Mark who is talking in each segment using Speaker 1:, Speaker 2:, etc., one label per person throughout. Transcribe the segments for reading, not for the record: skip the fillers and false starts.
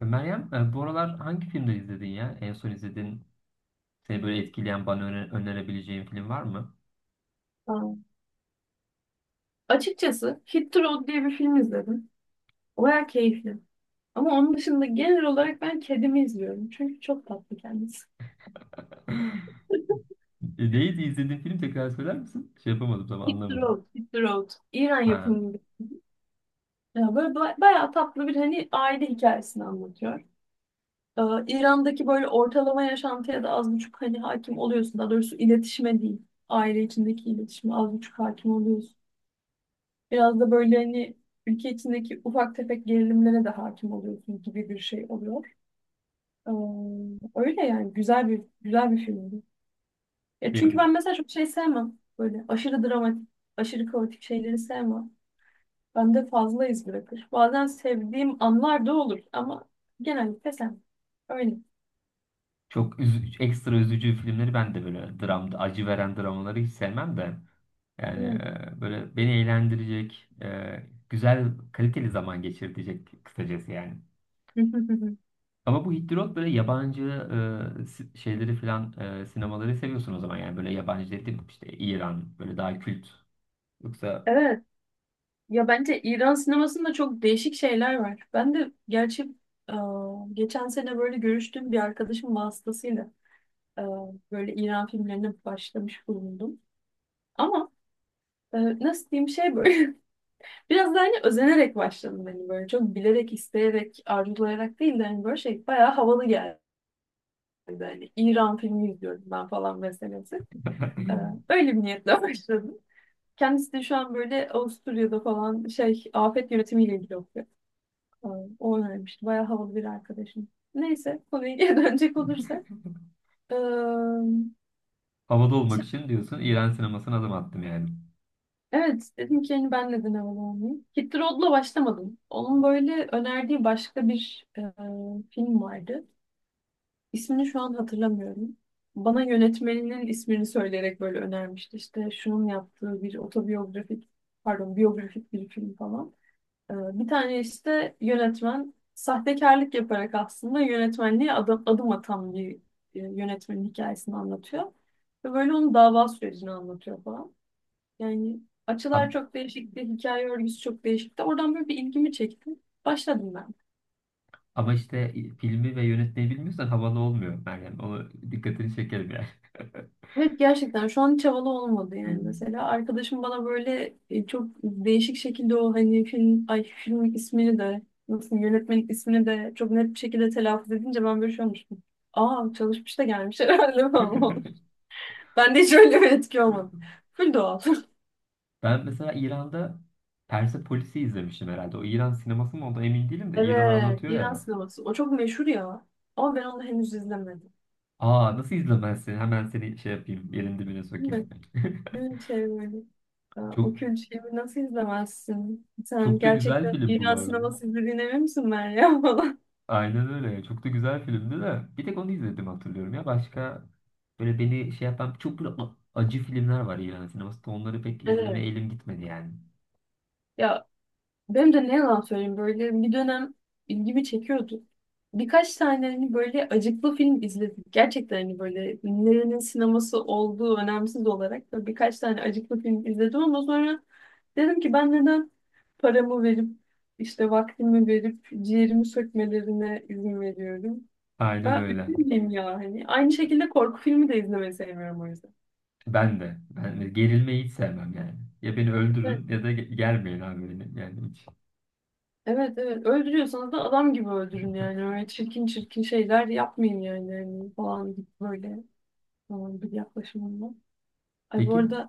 Speaker 1: Meryem, bu aralar hangi filmleri izledin ya? En son izledin seni böyle etkileyen, bana önerebileceğin film var mı?
Speaker 2: Aa. Açıkçası Hit the Road diye bir film izledim. Baya keyifli. Ama onun dışında genel olarak ben kedimi izliyorum. Çünkü çok tatlı kendisi.
Speaker 1: Neydi izlediğin film tekrar söyler misin? Şey yapamadım tam
Speaker 2: Hit the
Speaker 1: anlamadım.
Speaker 2: Road, Hit the Road. İran
Speaker 1: Ha,
Speaker 2: yapımı bir. Ya böyle bayağı tatlı bir hani aile hikayesini anlatıyor. Ee, İran'daki böyle ortalama yaşantıya da az buçuk hani hakim oluyorsun. Daha doğrusu iletişime değil. Aile içindeki iletişime az buçuk hakim oluyorsun. Biraz da böyle hani ülke içindeki ufak tefek gerilimlere de hakim oluyorsun gibi bir şey oluyor. Ee, öyle yani güzel bir filmdi. Ya çünkü
Speaker 1: bir-
Speaker 2: ben mesela çok şey sevmem. Böyle aşırı dramatik, aşırı kaotik şeyleri sevmem. Bende fazla iz bırakır. Bazen sevdiğim anlar da olur ama genellikle sevmem. Öyle.
Speaker 1: ekstra üzücü filmleri ben de böyle dramda, acı veren dramaları hiç sevmem de. Yani böyle beni eğlendirecek, güzel, kaliteli zaman geçirecek kısacası yani.
Speaker 2: Bilmiyorum.
Speaker 1: Ama bu Hit the Road böyle yabancı şeyleri falan sinemaları seviyorsun o zaman yani böyle yabancı dedim işte İran böyle daha kült, yoksa?
Speaker 2: Evet. Ya bence İran sinemasında çok değişik şeyler var. Ben de gerçi e, geçen sene böyle görüştüğüm bir arkadaşım vasıtasıyla e, böyle İran filmlerine başlamış bulundum. Ama nasıl diyeyim şey böyle. Biraz da hani özenerek başladım hani böyle çok bilerek, isteyerek, arzulayarak değil de hani böyle şey bayağı havalı geldi. Hani İran filmi izliyorum ben falan meselesi. Ee, öyle bir niyetle başladım. Kendisi de şu an böyle Avusturya'da falan şey afet yönetimiyle ilgili okuyor. Ee, o önermişti. Bayağı havalı bir arkadaşım. Neyse konuya geri dönecek olursak. Ee,
Speaker 1: Havada olmak
Speaker 2: şey-
Speaker 1: için diyorsun İran sinemasına adım attım yani.
Speaker 2: evet dedim ki hani ben neden havalı olmayayım. Hit the Road'la başlamadım. Onun böyle önerdiği başka bir film vardı. İsmini şu an hatırlamıyorum. Bana yönetmeninin ismini söyleyerek böyle önermişti. İşte şunun yaptığı bir otobiyografik, pardon biyografik bir film falan. Bir tane işte yönetmen sahtekarlık yaparak aslında yönetmenliğe adım atan bir yönetmenin hikayesini anlatıyor. Ve böyle onun dava sürecini anlatıyor falan. Yani açılar
Speaker 1: Am-
Speaker 2: çok değişikti, hikaye örgüsü çok değişikti. Oradan böyle bir ilgimi çekti. Başladım ben.
Speaker 1: Ama işte filmi ve yönetmeyi bilmiyorsan havalı olmuyor Meryem. Onu dikkatini çekerim yani.
Speaker 2: Evet gerçekten şu an hiç havalı olmadı yani mesela arkadaşım bana böyle çok değişik şekilde o hani filmin ismini de nasıl yönetmenin ismini de çok net bir şekilde telaffuz edince ben böyle şey olmuştum. Aa, çalışmış da gelmiş herhalde falan. Ben de hiç öyle bir etki olmadı. Full doğal.
Speaker 1: Ben mesela İran'da Persepolis'i izlemiştim herhalde. O İran sineması mı o da emin değilim de İran'ı
Speaker 2: Evet,
Speaker 1: anlatıyor
Speaker 2: İran
Speaker 1: ya.
Speaker 2: sineması o çok meşhur ya ama ben onu henüz izlemedim.
Speaker 1: Aa, nasıl izlemezsin? Hemen seni şey yapayım. Yerin dibine
Speaker 2: Değil
Speaker 1: sokayım.
Speaker 2: mi? Dün şey böyle. "Aa,
Speaker 1: Çok,
Speaker 2: o kült şeyi nasıl izlemezsin? Sen
Speaker 1: çok da güzel
Speaker 2: gerçekten
Speaker 1: film bu bu
Speaker 2: İran
Speaker 1: arada.
Speaker 2: sineması izlediğine emin misin Meryem?"
Speaker 1: Aynen öyle. Çok da güzel filmdi de. Bir tek onu izledim hatırlıyorum ya. Başka böyle beni şey yapan çok böyle acı filmler var İran sinemasında. Onları pek
Speaker 2: Evet.
Speaker 1: izlemeye elim gitmedi yani.
Speaker 2: Ya benim de ne yalan söyleyeyim böyle bir dönem ilgimi çekiyordu. Birkaç tane hani böyle acıklı film izledik. Gerçekten hani böyle nerenin sineması olduğu önemsiz olarak da birkaç tane acıklı film izledim ama sonra dedim ki ben neden paramı verip işte vaktimi verip ciğerimi sökmelerine izin veriyorum.
Speaker 1: Aynen
Speaker 2: Ben
Speaker 1: öyle.
Speaker 2: üzülmeyeyim ya hani. Aynı şekilde korku filmi de izlemeyi sevmiyorum o yüzden.
Speaker 1: Ben de. Ben de gerilmeyi hiç sevmem yani. Ya beni öldürün ya da germeyin abi beni. Yani hiç.
Speaker 2: Evet evet, öldürüyorsanız da adam gibi öldürün yani, öyle çirkin çirkin şeyler yapmayın yani. Hani falan gibi böyle falan bir yaklaşımında. Ay bu
Speaker 1: Peki.
Speaker 2: arada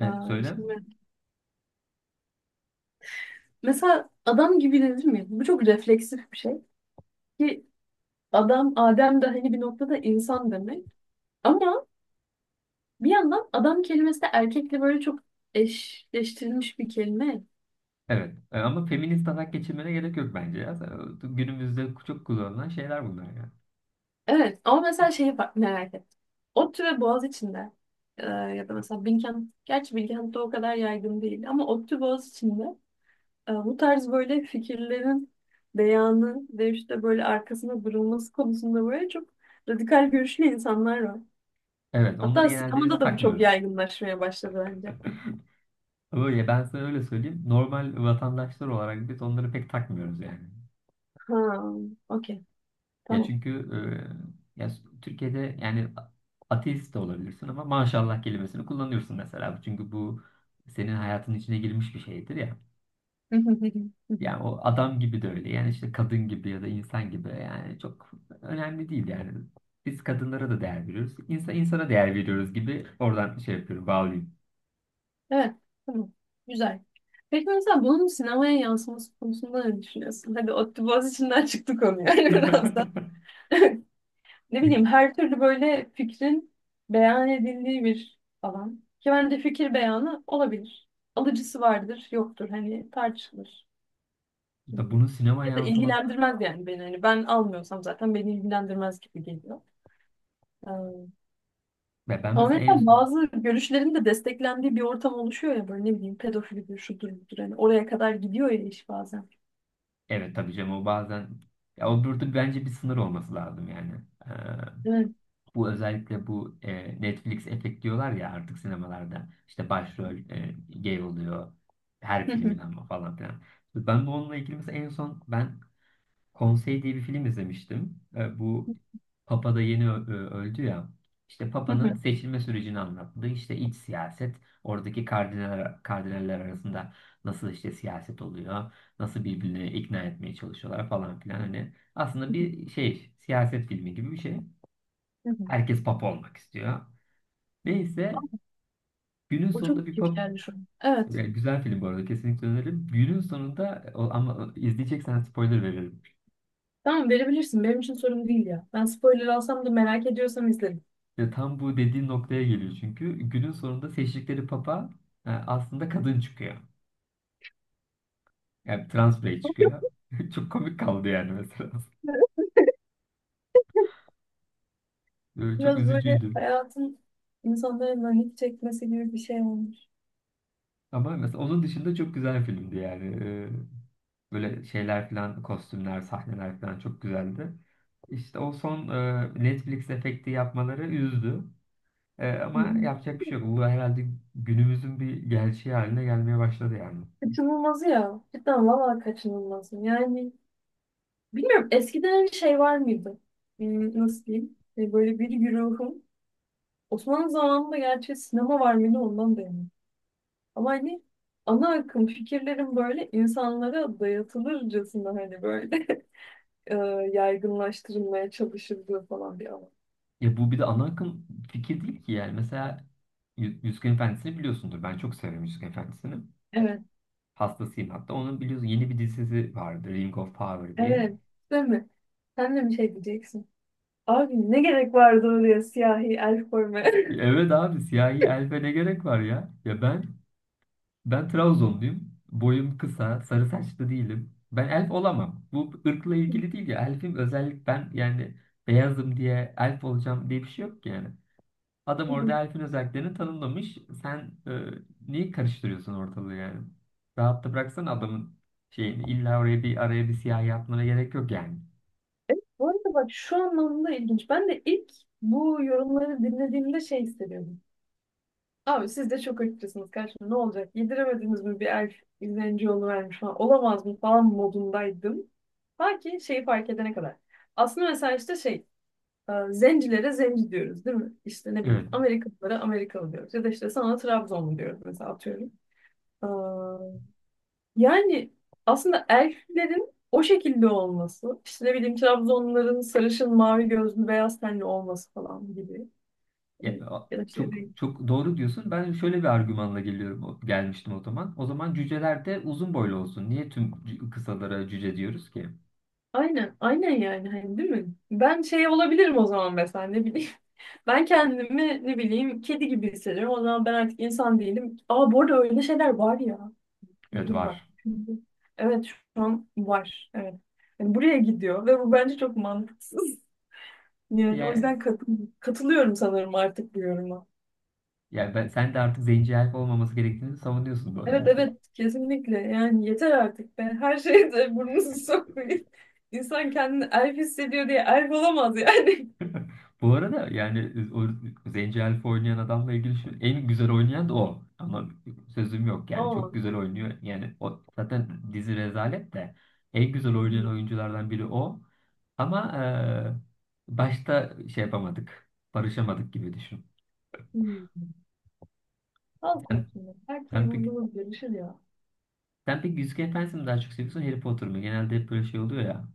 Speaker 1: Ne? Söyle.
Speaker 2: şimdi mesela adam gibi dedim ya, bu çok refleksif bir şey ki adam Adem de hani bir noktada insan demek ama bir yandan adam kelimesi de erkekle böyle çok eşleştirilmiş bir kelime.
Speaker 1: Evet. Ama feminist atak geçirmene gerek yok bence ya. Günümüzde çok kullanılan şeyler bunlar yani.
Speaker 2: Evet ama mesela merak ettim. ODTÜ ve Boğaziçi'nde ya da mesela Bilkent, gerçi Bilkent'te o kadar yaygın değil ama ODTÜ Boğaziçi'nde bu tarz böyle fikirlerin beyanı ve işte böyle arkasında durulması konusunda böyle çok radikal görüşlü insanlar var.
Speaker 1: Evet, onları
Speaker 2: Hatta
Speaker 1: genelde biz
Speaker 2: sinemada da bu çok
Speaker 1: takmıyoruz.
Speaker 2: yaygınlaşmaya başladı bence.
Speaker 1: Öyle ben sana öyle söyleyeyim. Normal vatandaşlar olarak biz onları pek takmıyoruz yani.
Speaker 2: Ha, okey,
Speaker 1: Ya
Speaker 2: tamam.
Speaker 1: çünkü Türkiye'de yani ateist de olabilirsin ama maşallah kelimesini kullanıyorsun mesela. Çünkü bu senin hayatın içine girmiş bir şeydir ya. Yani o adam gibi de öyle. Yani işte kadın gibi ya da insan gibi. Yani çok önemli değil yani. Biz kadınlara da değer veriyoruz. İnsan insana değer veriyoruz gibi oradan şey yapıyorum, bağlayayım.
Speaker 2: Evet, tamam. Güzel. Peki mesela bunun sinemaya yansıması konusunda ne düşünüyorsun? Hadi ODTÜ Boğaziçi'nden çıktı konu yani biraz da. Ne
Speaker 1: E,
Speaker 2: bileyim, her türlü böyle fikrin beyan edildiği bir alan. Ki bence fikir beyanı olabilir. Alıcısı vardır, yoktur. Hani tartışılır.
Speaker 1: da
Speaker 2: Hmm.
Speaker 1: bunun sinema
Speaker 2: Ya da
Speaker 1: yansıması
Speaker 2: ilgilendirmez yani beni. Hani ben almıyorsam zaten beni ilgilendirmez gibi geliyor.
Speaker 1: ve ben
Speaker 2: Ama
Speaker 1: mesela
Speaker 2: mesela bazı görüşlerin de desteklendiği bir ortam oluşuyor ya, böyle ne bileyim pedofilidir, şudur budur. Hani oraya kadar gidiyor ya iş bazen.
Speaker 1: evet tabii canım o bazen ya o burada bence bir sınır olması lazım yani. Ee,
Speaker 2: Değil.
Speaker 1: bu özellikle bu Netflix efekt diyorlar ya artık sinemalarda işte başrol gay oluyor her
Speaker 2: Hı
Speaker 1: filmin
Speaker 2: hı,
Speaker 1: ama falan filan. Ben bununla ilgili mesela en son ben Konsey diye bir film izlemiştim. Bu Papa da yeni öldü ya. İşte
Speaker 2: hı
Speaker 1: Papa'nın
Speaker 2: hı,
Speaker 1: seçilme sürecini anlattı. İşte iç siyaset, oradaki kardinaller, kardinaller arasında nasıl işte siyaset oluyor, nasıl birbirini ikna etmeye çalışıyorlar falan filan. Hani aslında
Speaker 2: hı hı,
Speaker 1: bir şey, siyaset filmi gibi bir şey.
Speaker 2: hı hı.
Speaker 1: Herkes Papa olmak istiyor. Neyse, günün
Speaker 2: O çok
Speaker 1: sonunda bir
Speaker 2: kötü
Speaker 1: Papa,
Speaker 2: geldi şu an. Evet.
Speaker 1: güzel film bu arada kesinlikle öneririm. Günün sonunda ama izleyeceksen spoiler veririm.
Speaker 2: Tamam, verebilirsin. Benim için sorun değil ya. Ben spoiler alsam da merak ediyorsam izlerim.
Speaker 1: Ya tam bu dediğin noktaya geliyor çünkü günün sonunda seçtikleri papa aslında kadın çıkıyor. Yani trans birey çıkıyor. Çok komik kaldı yani mesela. Çok
Speaker 2: Biraz böyle
Speaker 1: üzücüydü.
Speaker 2: hayatın, insanların lanet çekmesi gibi bir şey olmuş.
Speaker 1: Ama mesela onun dışında çok güzel filmdi yani. Böyle şeyler falan, kostümler, sahneler falan çok güzeldi. İşte o son Netflix efekti yapmaları üzdü. E,
Speaker 2: Hı.
Speaker 1: ama yapacak bir şey yok. Bu herhalde günümüzün bir gerçeği haline gelmeye başladı yani.
Speaker 2: Kaçınılmazı ya. Cidden valla kaçınılmazı. Yani bilmiyorum, eskiden şey var mıydı? Hmm, nasıl diyeyim? Böyle bir güruhun Osmanlı zamanında gerçi sinema var mıydı ondan da emin. Ama hani ana akım fikirlerin böyle insanlara dayatılırcasına hani böyle e, yaygınlaştırılmaya çalışıldığı falan bir alan.
Speaker 1: Ya bu bir de ana akım fikir değil ki yani. Mesela Yüzüklerin Efendisi'ni biliyorsundur. Ben çok severim Yüzüklerin Efendisi'ni.
Speaker 2: Evet,
Speaker 1: Hastasıyım hatta. Onun biliyorsun yeni bir dizisi vardı. Ring of Power diye.
Speaker 2: evet. Değil mi? Sen de bir şey diyeceksin. Abi ne gerek vardı oraya siyahi el koymaya?
Speaker 1: Evet abi siyahi elfe ne gerek var ya? Ya ben Trabzonluyum. Boyum kısa, sarı saçlı değilim. Ben elf olamam. Bu ırkla ilgili değil ya. Elfim özellik ben yani beyazım diye elf olacağım diye bir şey yok ki yani. Adam orada elfin özelliklerini tanımlamış. Sen niye karıştırıyorsun ortalığı yani? Rahatta bıraksana adamın şeyini. İlla oraya bir araya bir siyah yapmana gerek yok yani.
Speaker 2: Bu arada bak şu anlamda ilginç. Ben de ilk bu yorumları dinlediğimde şey hissediyordum. Abi siz de çok açıkçasınız karşım. Ne olacak? Yediremediniz mi bir elf izleyici yolu vermiş falan. Olamaz mı falan modundaydım. Ta ki şeyi fark edene kadar. Aslında mesela işte şey zencilere zenci diyoruz değil mi? İşte ne bileyim
Speaker 1: Evet.
Speaker 2: Amerikalılara Amerikalı diyoruz. Ya da işte sana Trabzonlu diyoruz mesela atıyorum. Ee, Yani aslında elflerin o şekilde olması, işte ne bileyim Trabzonluların sarışın, mavi gözlü, beyaz tenli olması falan gibi.
Speaker 1: Ya,
Speaker 2: Ya da işte
Speaker 1: çok çok doğru diyorsun. Ben şöyle bir argümanla geliyorum gelmiştim o zaman. O zaman cüceler de uzun boylu olsun. Niye tüm kısalara cüce diyoruz ki?
Speaker 2: aynen, aynen yani hani değil mi? Ben şey olabilirim o zaman mesela ne bileyim. Ben kendimi ne bileyim kedi gibi hissediyorum. O zaman ben artık insan değilim. Aa bu arada öyle şeyler var ya.
Speaker 1: Evet
Speaker 2: Dur bak.
Speaker 1: var.
Speaker 2: Evet şu an var. Evet. Yani buraya gidiyor ve bu bence çok mantıksız. Yani o
Speaker 1: Yani,
Speaker 2: yüzden katılıyorum sanırım artık bu yoruma.
Speaker 1: yani, ben, sen de artık zenci elf olmaması gerektiğini savunuyorsun bu
Speaker 2: Evet
Speaker 1: arada.
Speaker 2: evet, kesinlikle. Yani yeter artık be. Her şeye de burnunuzu sokmayın. İnsan kendini elf hissediyor diye elf olamaz yani.
Speaker 1: Bu arada yani o Zenci Elf'i oynayan adamla ilgili şu, en güzel oynayan da o. Ama sözüm yok yani
Speaker 2: Aa.
Speaker 1: çok güzel oynuyor. Yani o zaten dizi rezalet de en güzel oynayan oyunculardan biri o. Ama başta şey yapamadık. Barışamadık gibi düşün.
Speaker 2: Hmm. Halk
Speaker 1: Sen,
Speaker 2: olsun. Belki
Speaker 1: sen pek,
Speaker 2: yıldızımız görüşür ya.
Speaker 1: sen pek Yüzüklerin Efendisi'ni mi daha çok seviyorsun, Harry Potter mı? Genelde hep böyle şey oluyor ya.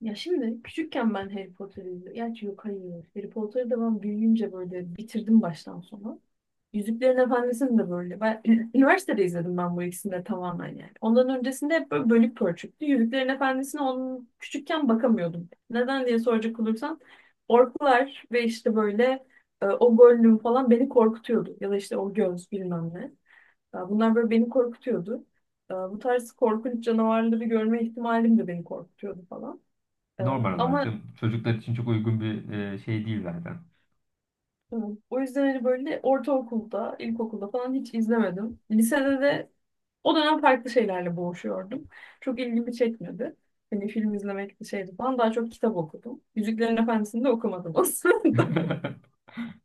Speaker 2: Ya şimdi küçükken ben Harry Potter'ı izliyordum. Gerçi yok, hayır. Harry Potter'ı da ben büyüyünce böyle bitirdim baştan sona. Yüzüklerin Efendisi'ni de böyle. Ben üniversitede izledim ben bu ikisini de tamamen yani. Ondan öncesinde hep böyle bölük pörçüktü. Yüzüklerin Efendisi'ne onun küçükken bakamıyordum. Neden diye soracak olursan orklar ve işte böyle o Gollum falan beni korkutuyordu. Ya da işte o göz bilmem ne. Ya bunlar böyle beni korkutuyordu. Bu tarz korkunç canavarları görme ihtimalim de beni korkutuyordu falan. Ee,
Speaker 1: Normal olarak
Speaker 2: Ama
Speaker 1: canım, çocuklar için çok uygun bir şey değil zaten.
Speaker 2: e, o yüzden hani böyle ortaokulda, ilkokulda falan hiç izlemedim. Lisede de o dönem farklı şeylerle boğuşuyordum. Çok ilgimi çekmedi. Hani film izlemek şeydi falan. Daha çok kitap okudum. Yüzüklerin Efendisi'ni de okumadım aslında.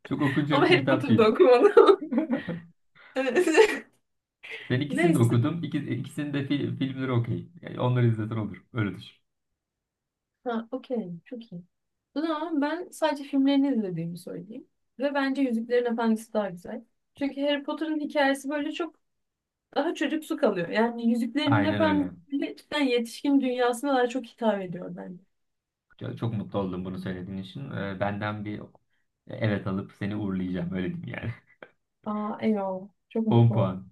Speaker 1: Çok
Speaker 2: Ama
Speaker 1: okunacak bir
Speaker 2: Harry
Speaker 1: kitap
Speaker 2: Potter'da
Speaker 1: değil.
Speaker 2: okumadım. Evet.
Speaker 1: Ben ikisini de
Speaker 2: Neyse.
Speaker 1: okudum. İki, ikisini de filmleri okey. Yani onları izleten olur. Öyle düşün.
Speaker 2: Ha, okey. Çok iyi. Ama ben sadece filmlerini izlediğimi söyleyeyim. Ve bence Yüzüklerin Efendisi daha güzel. Çünkü Harry Potter'ın hikayesi böyle çok daha çocuksu kalıyor. Yani Yüzüklerin
Speaker 1: Aynen öyle.
Speaker 2: Efendisi cidden yetişkin dünyasına daha çok hitap ediyor bence.
Speaker 1: Çok, çok mutlu oldum bunu söylediğin için. Benden bir evet alıp seni uğurlayacağım. Öyle diyeyim yani.
Speaker 2: Aa eyvallah. Çok
Speaker 1: 10
Speaker 2: mutlu oldum.
Speaker 1: puan.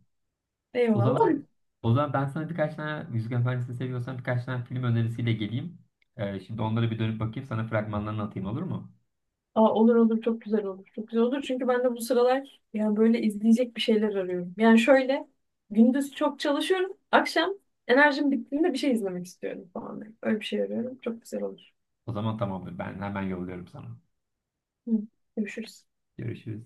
Speaker 1: O
Speaker 2: Eyvallah.
Speaker 1: zaman o zaman ben sana birkaç tane Yüzük Efendisi seviyorsan birkaç tane film önerisiyle geleyim. Şimdi onlara bir dönüp bakayım. Sana fragmanlarını atayım, olur mu?
Speaker 2: Aa, olur olur, çok güzel olur. Çok güzel olur. Çünkü ben de bu sıralar yani böyle izleyecek bir şeyler arıyorum. Yani şöyle gündüz çok çalışıyorum. Akşam enerjim bittiğinde bir şey izlemek istiyorum falan. Öyle bir şey arıyorum. Çok güzel olur.
Speaker 1: O zaman tamamdır. Ben hemen yolluyorum sana.
Speaker 2: Hı. Görüşürüz.
Speaker 1: Görüşürüz.